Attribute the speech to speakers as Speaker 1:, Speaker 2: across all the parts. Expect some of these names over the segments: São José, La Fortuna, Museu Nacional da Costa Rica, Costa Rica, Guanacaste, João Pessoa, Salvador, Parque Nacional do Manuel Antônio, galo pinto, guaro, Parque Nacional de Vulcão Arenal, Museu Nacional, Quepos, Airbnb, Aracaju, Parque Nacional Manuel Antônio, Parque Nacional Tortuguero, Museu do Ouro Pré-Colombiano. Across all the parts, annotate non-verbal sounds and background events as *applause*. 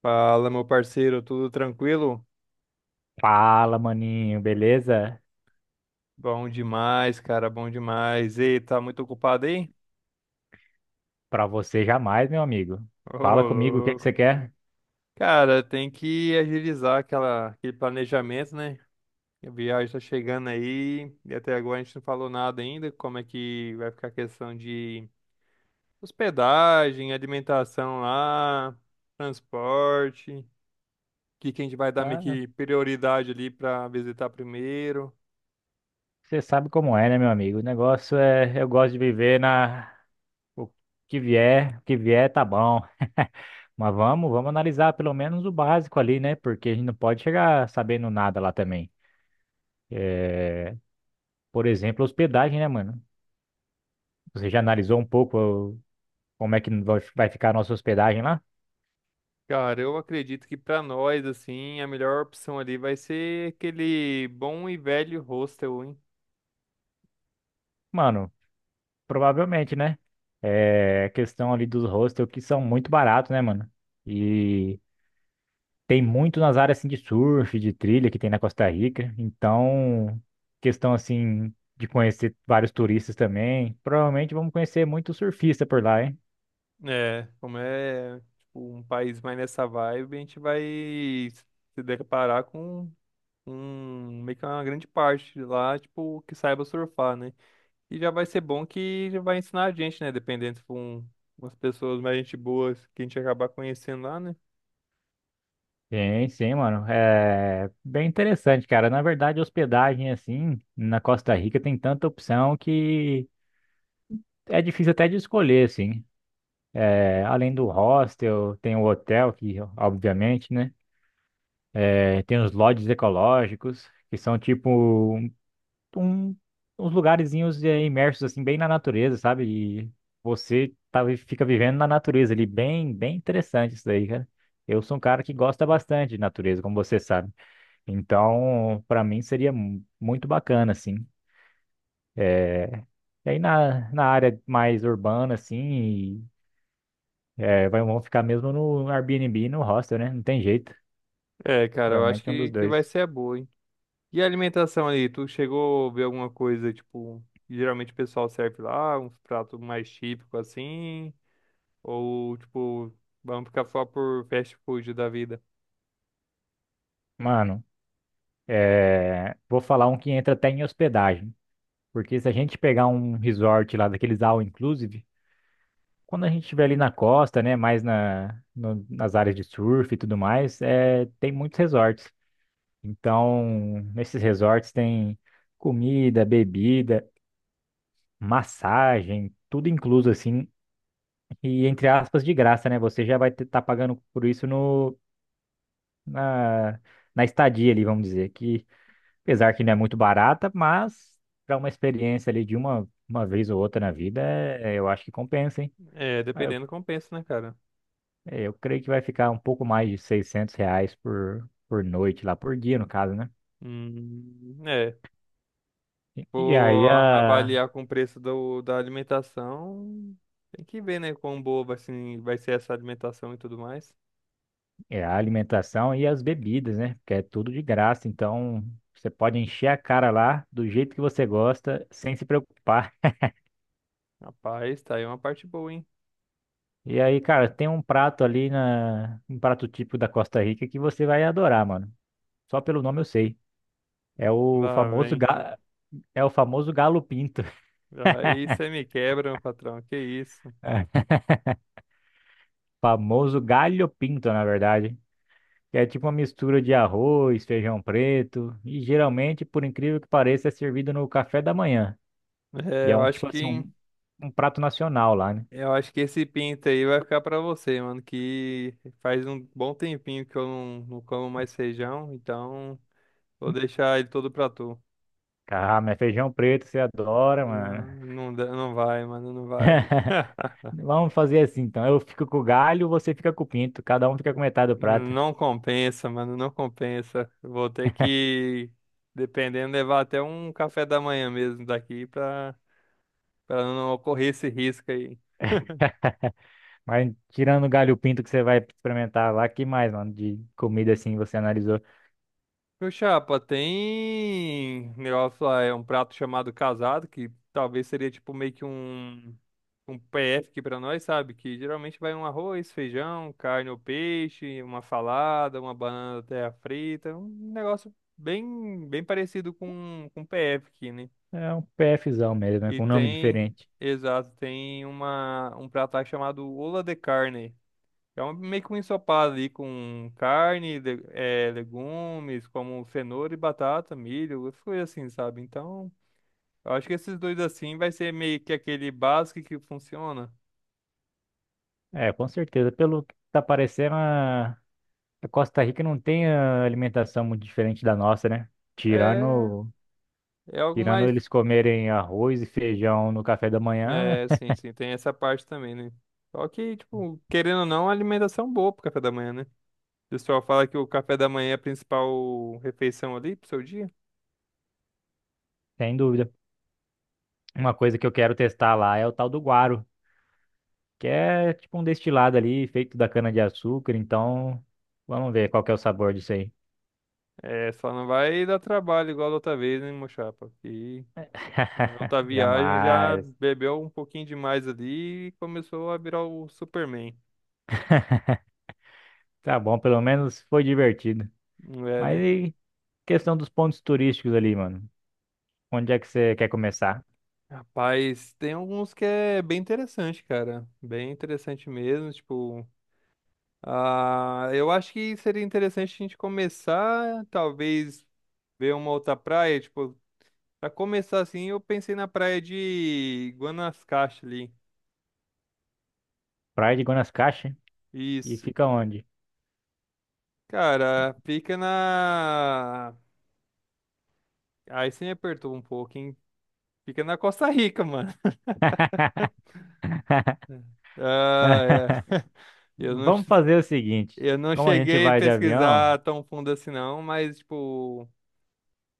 Speaker 1: Fala, meu parceiro, tudo tranquilo?
Speaker 2: Fala, maninho, beleza?
Speaker 1: Bom demais, cara, bom demais. Ei, tá muito ocupado aí?
Speaker 2: Pra você jamais, meu amigo.
Speaker 1: Ô,
Speaker 2: Fala comigo, o que que
Speaker 1: louco.
Speaker 2: você quer?
Speaker 1: Cara, tem que agilizar aquele planejamento, né? A viagem tá chegando aí e até agora a gente não falou nada ainda. Como é que vai ficar a questão de hospedagem, alimentação lá, transporte, o que que a gente vai dar meio
Speaker 2: Ah,
Speaker 1: que prioridade ali pra visitar primeiro?
Speaker 2: você sabe como é, né, meu amigo? O negócio é, eu gosto de viver na o o que vier tá bom. *laughs* Mas vamos analisar pelo menos o básico ali, né? Porque a gente não pode chegar sabendo nada lá também. É, por exemplo, hospedagem, né, mano? Você já analisou um pouco como é que vai ficar a nossa hospedagem lá?
Speaker 1: Cara, eu acredito que pra nós, assim, a melhor opção ali vai ser aquele bom e velho hostel, hein?
Speaker 2: Mano, provavelmente, né? É a questão ali dos hostels que são muito baratos, né, mano? E tem muito nas áreas assim de surf, de trilha que tem na Costa Rica. Então, questão assim de conhecer vários turistas também. Provavelmente vamos conhecer muito surfista por lá, hein?
Speaker 1: É, como é, tipo, um país mais nessa vibe, a gente vai se deparar com um, meio que uma grande parte lá, tipo, que saiba surfar, né? E já vai ser bom que já vai ensinar a gente, né? Dependendo se for umas pessoas mais gente boas que a gente acabar conhecendo lá, né?
Speaker 2: Sim, sim, mano. É bem interessante, cara. Na verdade, hospedagem assim na Costa Rica tem tanta opção que é difícil até de escolher, assim. É, além do hostel, tem o hotel que, obviamente, né? É, tem os lodges ecológicos, que são tipo um- uns lugarzinhos é, imersos assim bem na natureza, sabe? E você tá, fica vivendo na natureza ali, bem interessante isso daí, cara. Eu sou um cara que gosta bastante de natureza, como você sabe. Então, para mim seria muito bacana, assim. E aí na área mais urbana, assim, é, vai, vão ficar mesmo no Airbnb, e no hostel, né? Não tem jeito.
Speaker 1: É, cara, eu acho
Speaker 2: Provavelmente é um dos
Speaker 1: que vai
Speaker 2: dois.
Speaker 1: ser a boa, hein? E a alimentação ali, tu chegou a ver alguma coisa, tipo, que geralmente o pessoal serve lá, uns pratos mais típicos assim, ou tipo, vamos ficar só por fast food da vida?
Speaker 2: Mano, é, vou falar um que entra até em hospedagem. Porque se a gente pegar um resort lá daqueles all inclusive, quando a gente estiver ali na costa, né, mais na, no- nas áreas de surf e tudo mais, é, tem muitos resorts. Então, nesses resorts tem comida, bebida, massagem, tudo incluso assim, e entre aspas de graça, né? Você já vai estar pagando por isso no na, na estadia ali, vamos dizer, que apesar que não é muito barata, mas para uma experiência ali de uma vez ou outra na vida, eu acho que compensa, hein?
Speaker 1: É,
Speaker 2: Mas eu,
Speaker 1: dependendo, compensa, né, cara?
Speaker 2: é, eu creio que vai ficar um pouco mais de 600 reais por noite lá, por dia, no caso, né?
Speaker 1: É,
Speaker 2: E,
Speaker 1: vou avaliar com o preço da alimentação, tem que ver, né, quão boa vai vai ser essa alimentação e tudo mais.
Speaker 2: a alimentação e as bebidas, né? Porque é tudo de graça, então você pode encher a cara lá do jeito que você gosta, sem se preocupar.
Speaker 1: Rapaz, tá aí uma parte boa, hein?
Speaker 2: E aí, cara, tem um prato ali na, um prato típico da Costa Rica que você vai adorar, mano. Só pelo nome eu sei. É o
Speaker 1: Lá vem.
Speaker 2: é o famoso galo pinto. *laughs*
Speaker 1: Aí você me quebra, meu patrão, que isso?
Speaker 2: É, famoso galho pinto, na verdade. Que é tipo uma mistura de arroz, feijão preto, e geralmente, por incrível que pareça, é servido no café da manhã. E
Speaker 1: É,
Speaker 2: é
Speaker 1: eu
Speaker 2: um
Speaker 1: acho
Speaker 2: tipo assim,
Speaker 1: que.
Speaker 2: um prato nacional lá, né?
Speaker 1: Eu acho que esse pinto aí vai ficar pra você, mano, que faz um bom tempinho que eu não como mais feijão, então vou deixar ele todo pra tu.
Speaker 2: Ah, mas feijão preto você adora, mano.
Speaker 1: Não, não, não vai, mano, não vai.
Speaker 2: *laughs*
Speaker 1: *laughs*
Speaker 2: Vamos fazer assim, então. Eu fico com o galho, você fica com o pinto. Cada um fica com metade do prato.
Speaker 1: Não compensa, mano, não compensa. Vou ter que, dependendo, levar até um café da manhã mesmo daqui pra não ocorrer esse risco aí.
Speaker 2: Mas tirando o galho e o pinto que você vai experimentar lá, que mais, mano, de comida assim você analisou?
Speaker 1: Meu chapa, tem negócio lá, é um prato chamado casado, que talvez seria tipo meio que um PF aqui pra nós, sabe? Que geralmente vai um arroz, feijão, carne ou peixe, uma salada, uma banana terra frita, um negócio bem, bem parecido com PF aqui, né?
Speaker 2: É um PFzão mesmo, é
Speaker 1: E
Speaker 2: com um nome
Speaker 1: tem,
Speaker 2: diferente.
Speaker 1: exato, tem uma, um prato lá chamado ola de carne. É um, meio que um ensopado ali com carne, legumes, como cenoura e batata, milho, essas coisas assim, sabe? Então, eu acho que esses dois assim vai ser meio que aquele básico que funciona.
Speaker 2: É, com certeza. Pelo que tá parecendo, a Costa Rica não tem ah, alimentação muito diferente da nossa, né?
Speaker 1: É,
Speaker 2: Tirando,
Speaker 1: é algo
Speaker 2: tirando
Speaker 1: mais.
Speaker 2: eles comerem arroz e feijão no café da manhã,
Speaker 1: É, sim, tem essa parte também, né? Só que, tipo, querendo ou não, a alimentação é boa pro café da manhã, né? O pessoal fala que o café da manhã é a principal refeição ali pro seu dia.
Speaker 2: *laughs* sem dúvida. Uma coisa que eu quero testar lá é o tal do guaro, que é tipo um destilado ali feito da cana-de-açúcar. Então, vamos ver qual que é o sabor disso aí.
Speaker 1: É, só não vai dar trabalho igual da outra vez, né, meu chapa? Na
Speaker 2: *laughs*
Speaker 1: outra viagem já
Speaker 2: Jamais.
Speaker 1: bebeu um pouquinho demais ali e começou a virar o Superman.
Speaker 2: Tá bom, pelo menos foi divertido.
Speaker 1: Não É,
Speaker 2: Mas
Speaker 1: né?
Speaker 2: e questão dos pontos turísticos ali, mano? Onde é que você quer começar?
Speaker 1: Rapaz, tem alguns que é bem interessante, cara. Bem interessante mesmo, tipo, ah, eu acho que seria interessante a gente começar, talvez ver uma outra praia, tipo, pra começar assim, eu pensei na praia de Guanacaste ali.
Speaker 2: Praia de Guanacaste? E
Speaker 1: Isso.
Speaker 2: fica onde?
Speaker 1: Cara, fica na. Aí você me apertou um pouco, hein? Fica na Costa Rica, mano.
Speaker 2: *laughs*
Speaker 1: Ah,
Speaker 2: *laughs*
Speaker 1: é. *laughs* Eu
Speaker 2: Vamos fazer o seguinte:
Speaker 1: eu não
Speaker 2: como a gente
Speaker 1: cheguei a
Speaker 2: vai de avião
Speaker 1: pesquisar tão fundo assim, não, mas, tipo,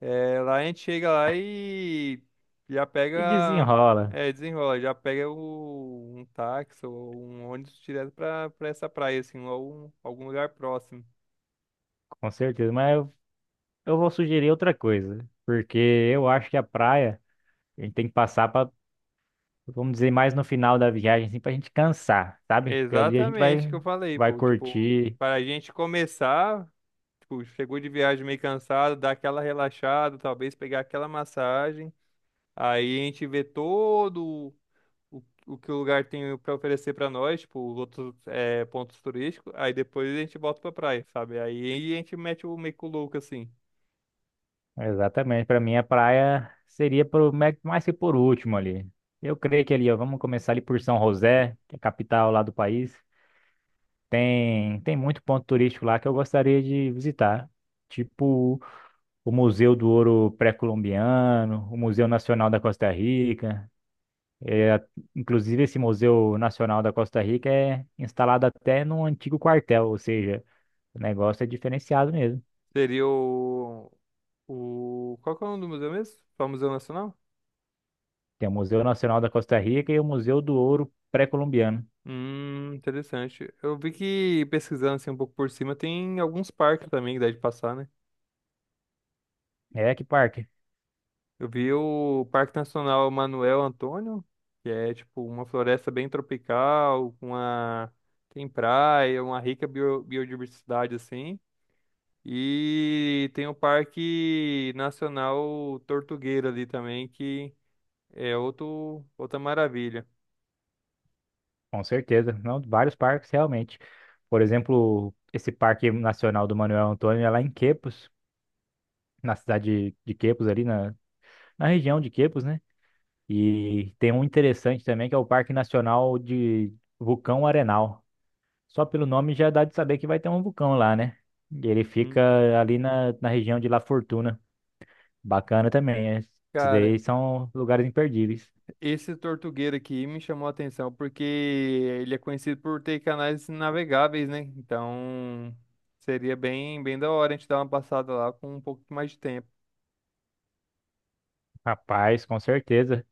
Speaker 1: é, lá a gente chega lá e já
Speaker 2: e
Speaker 1: pega.
Speaker 2: desenrola,
Speaker 1: É, desenrola, já pega um táxi ou um ônibus direto pra essa praia, assim, ou algum lugar próximo.
Speaker 2: com certeza, mas eu vou sugerir outra coisa, porque eu acho que a gente tem que passar para, vamos dizer, mais no final da viagem, assim, para a gente cansar, sabe? Porque ali a gente vai,
Speaker 1: Exatamente o que eu falei,
Speaker 2: vai
Speaker 1: pô. Tipo,
Speaker 2: curtir.
Speaker 1: para a gente começar, tipo, chegou de viagem meio cansado, dar aquela relaxada, talvez pegar aquela massagem. Aí a gente vê todo o, o que o lugar tem para oferecer para nós, tipo, os outros é, pontos turísticos, aí depois a gente volta pra praia, sabe? Aí a gente mete o meio que o louco assim.
Speaker 2: Exatamente, para mim a praia seria por, mais que por último ali. Eu creio que ali, ó, vamos começar ali por São José, que é a capital lá do país. Tem muito ponto turístico lá que eu gostaria de visitar, tipo o Museu do Ouro Pré-Colombiano, o Museu Nacional da Costa Rica. É, inclusive, esse Museu Nacional da Costa Rica é instalado até num antigo quartel, ou seja, o negócio é diferenciado mesmo.
Speaker 1: Seria o. Qual que é o nome do museu mesmo? Só Museu Nacional?
Speaker 2: Tem o Museu Nacional da Costa Rica e o Museu do Ouro Pré-Colombiano.
Speaker 1: Interessante. Eu vi que pesquisando assim um pouco por cima, tem alguns parques também que dá de passar, né?
Speaker 2: É, que parque,
Speaker 1: Eu vi o Parque Nacional Manuel Antônio, que é tipo uma floresta bem tropical, com uma tem praia, uma rica biodiversidade assim. E tem o Parque Nacional Tortuguero ali também, que é outra maravilha.
Speaker 2: com certeza. Não, vários parques, realmente. Por exemplo, esse Parque Nacional do Manuel Antônio é lá em Quepos. Na cidade de Quepos, ali na, na região de Quepos, né? E tem um interessante também, que é o Parque Nacional de Vulcão Arenal. Só pelo nome já dá de saber que vai ter um vulcão lá, né? E ele
Speaker 1: Hum.
Speaker 2: fica ali na região de La Fortuna. Bacana também, é. Esses daí
Speaker 1: Cara,
Speaker 2: são lugares imperdíveis.
Speaker 1: esse Tortuguero aqui me chamou a atenção porque ele é conhecido por ter canais navegáveis, né? Então seria bem, bem da hora a gente dar uma passada lá com um pouco mais de tempo.
Speaker 2: Rapaz, com certeza.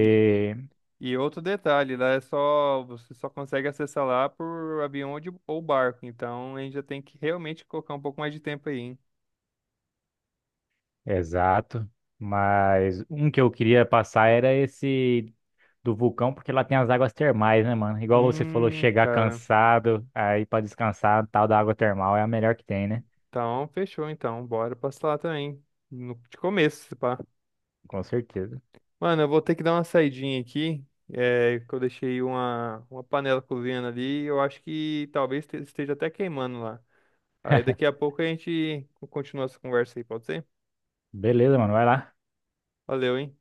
Speaker 1: E e outro detalhe, lá é só, você só consegue acessar lá por avião ou ou barco, então a gente já tem que realmente colocar um pouco mais de tempo aí, hein?
Speaker 2: exato. Mas um que eu queria passar era esse do vulcão, porque lá tem as águas termais, né, mano? Igual você falou, chegar
Speaker 1: Cara.
Speaker 2: cansado, aí pra descansar, tal da água termal é a melhor que tem, né?
Speaker 1: Então, fechou então. Bora passar lá também. No, de começo, se pá.
Speaker 2: Com certeza.
Speaker 1: Mano, eu vou ter que dar uma saidinha aqui. É, que eu deixei uma panela cozinhando ali. Eu acho que talvez esteja até queimando lá. Aí daqui a pouco a gente continua essa conversa aí, pode ser?
Speaker 2: Beleza, mano, vai lá.
Speaker 1: Valeu, hein?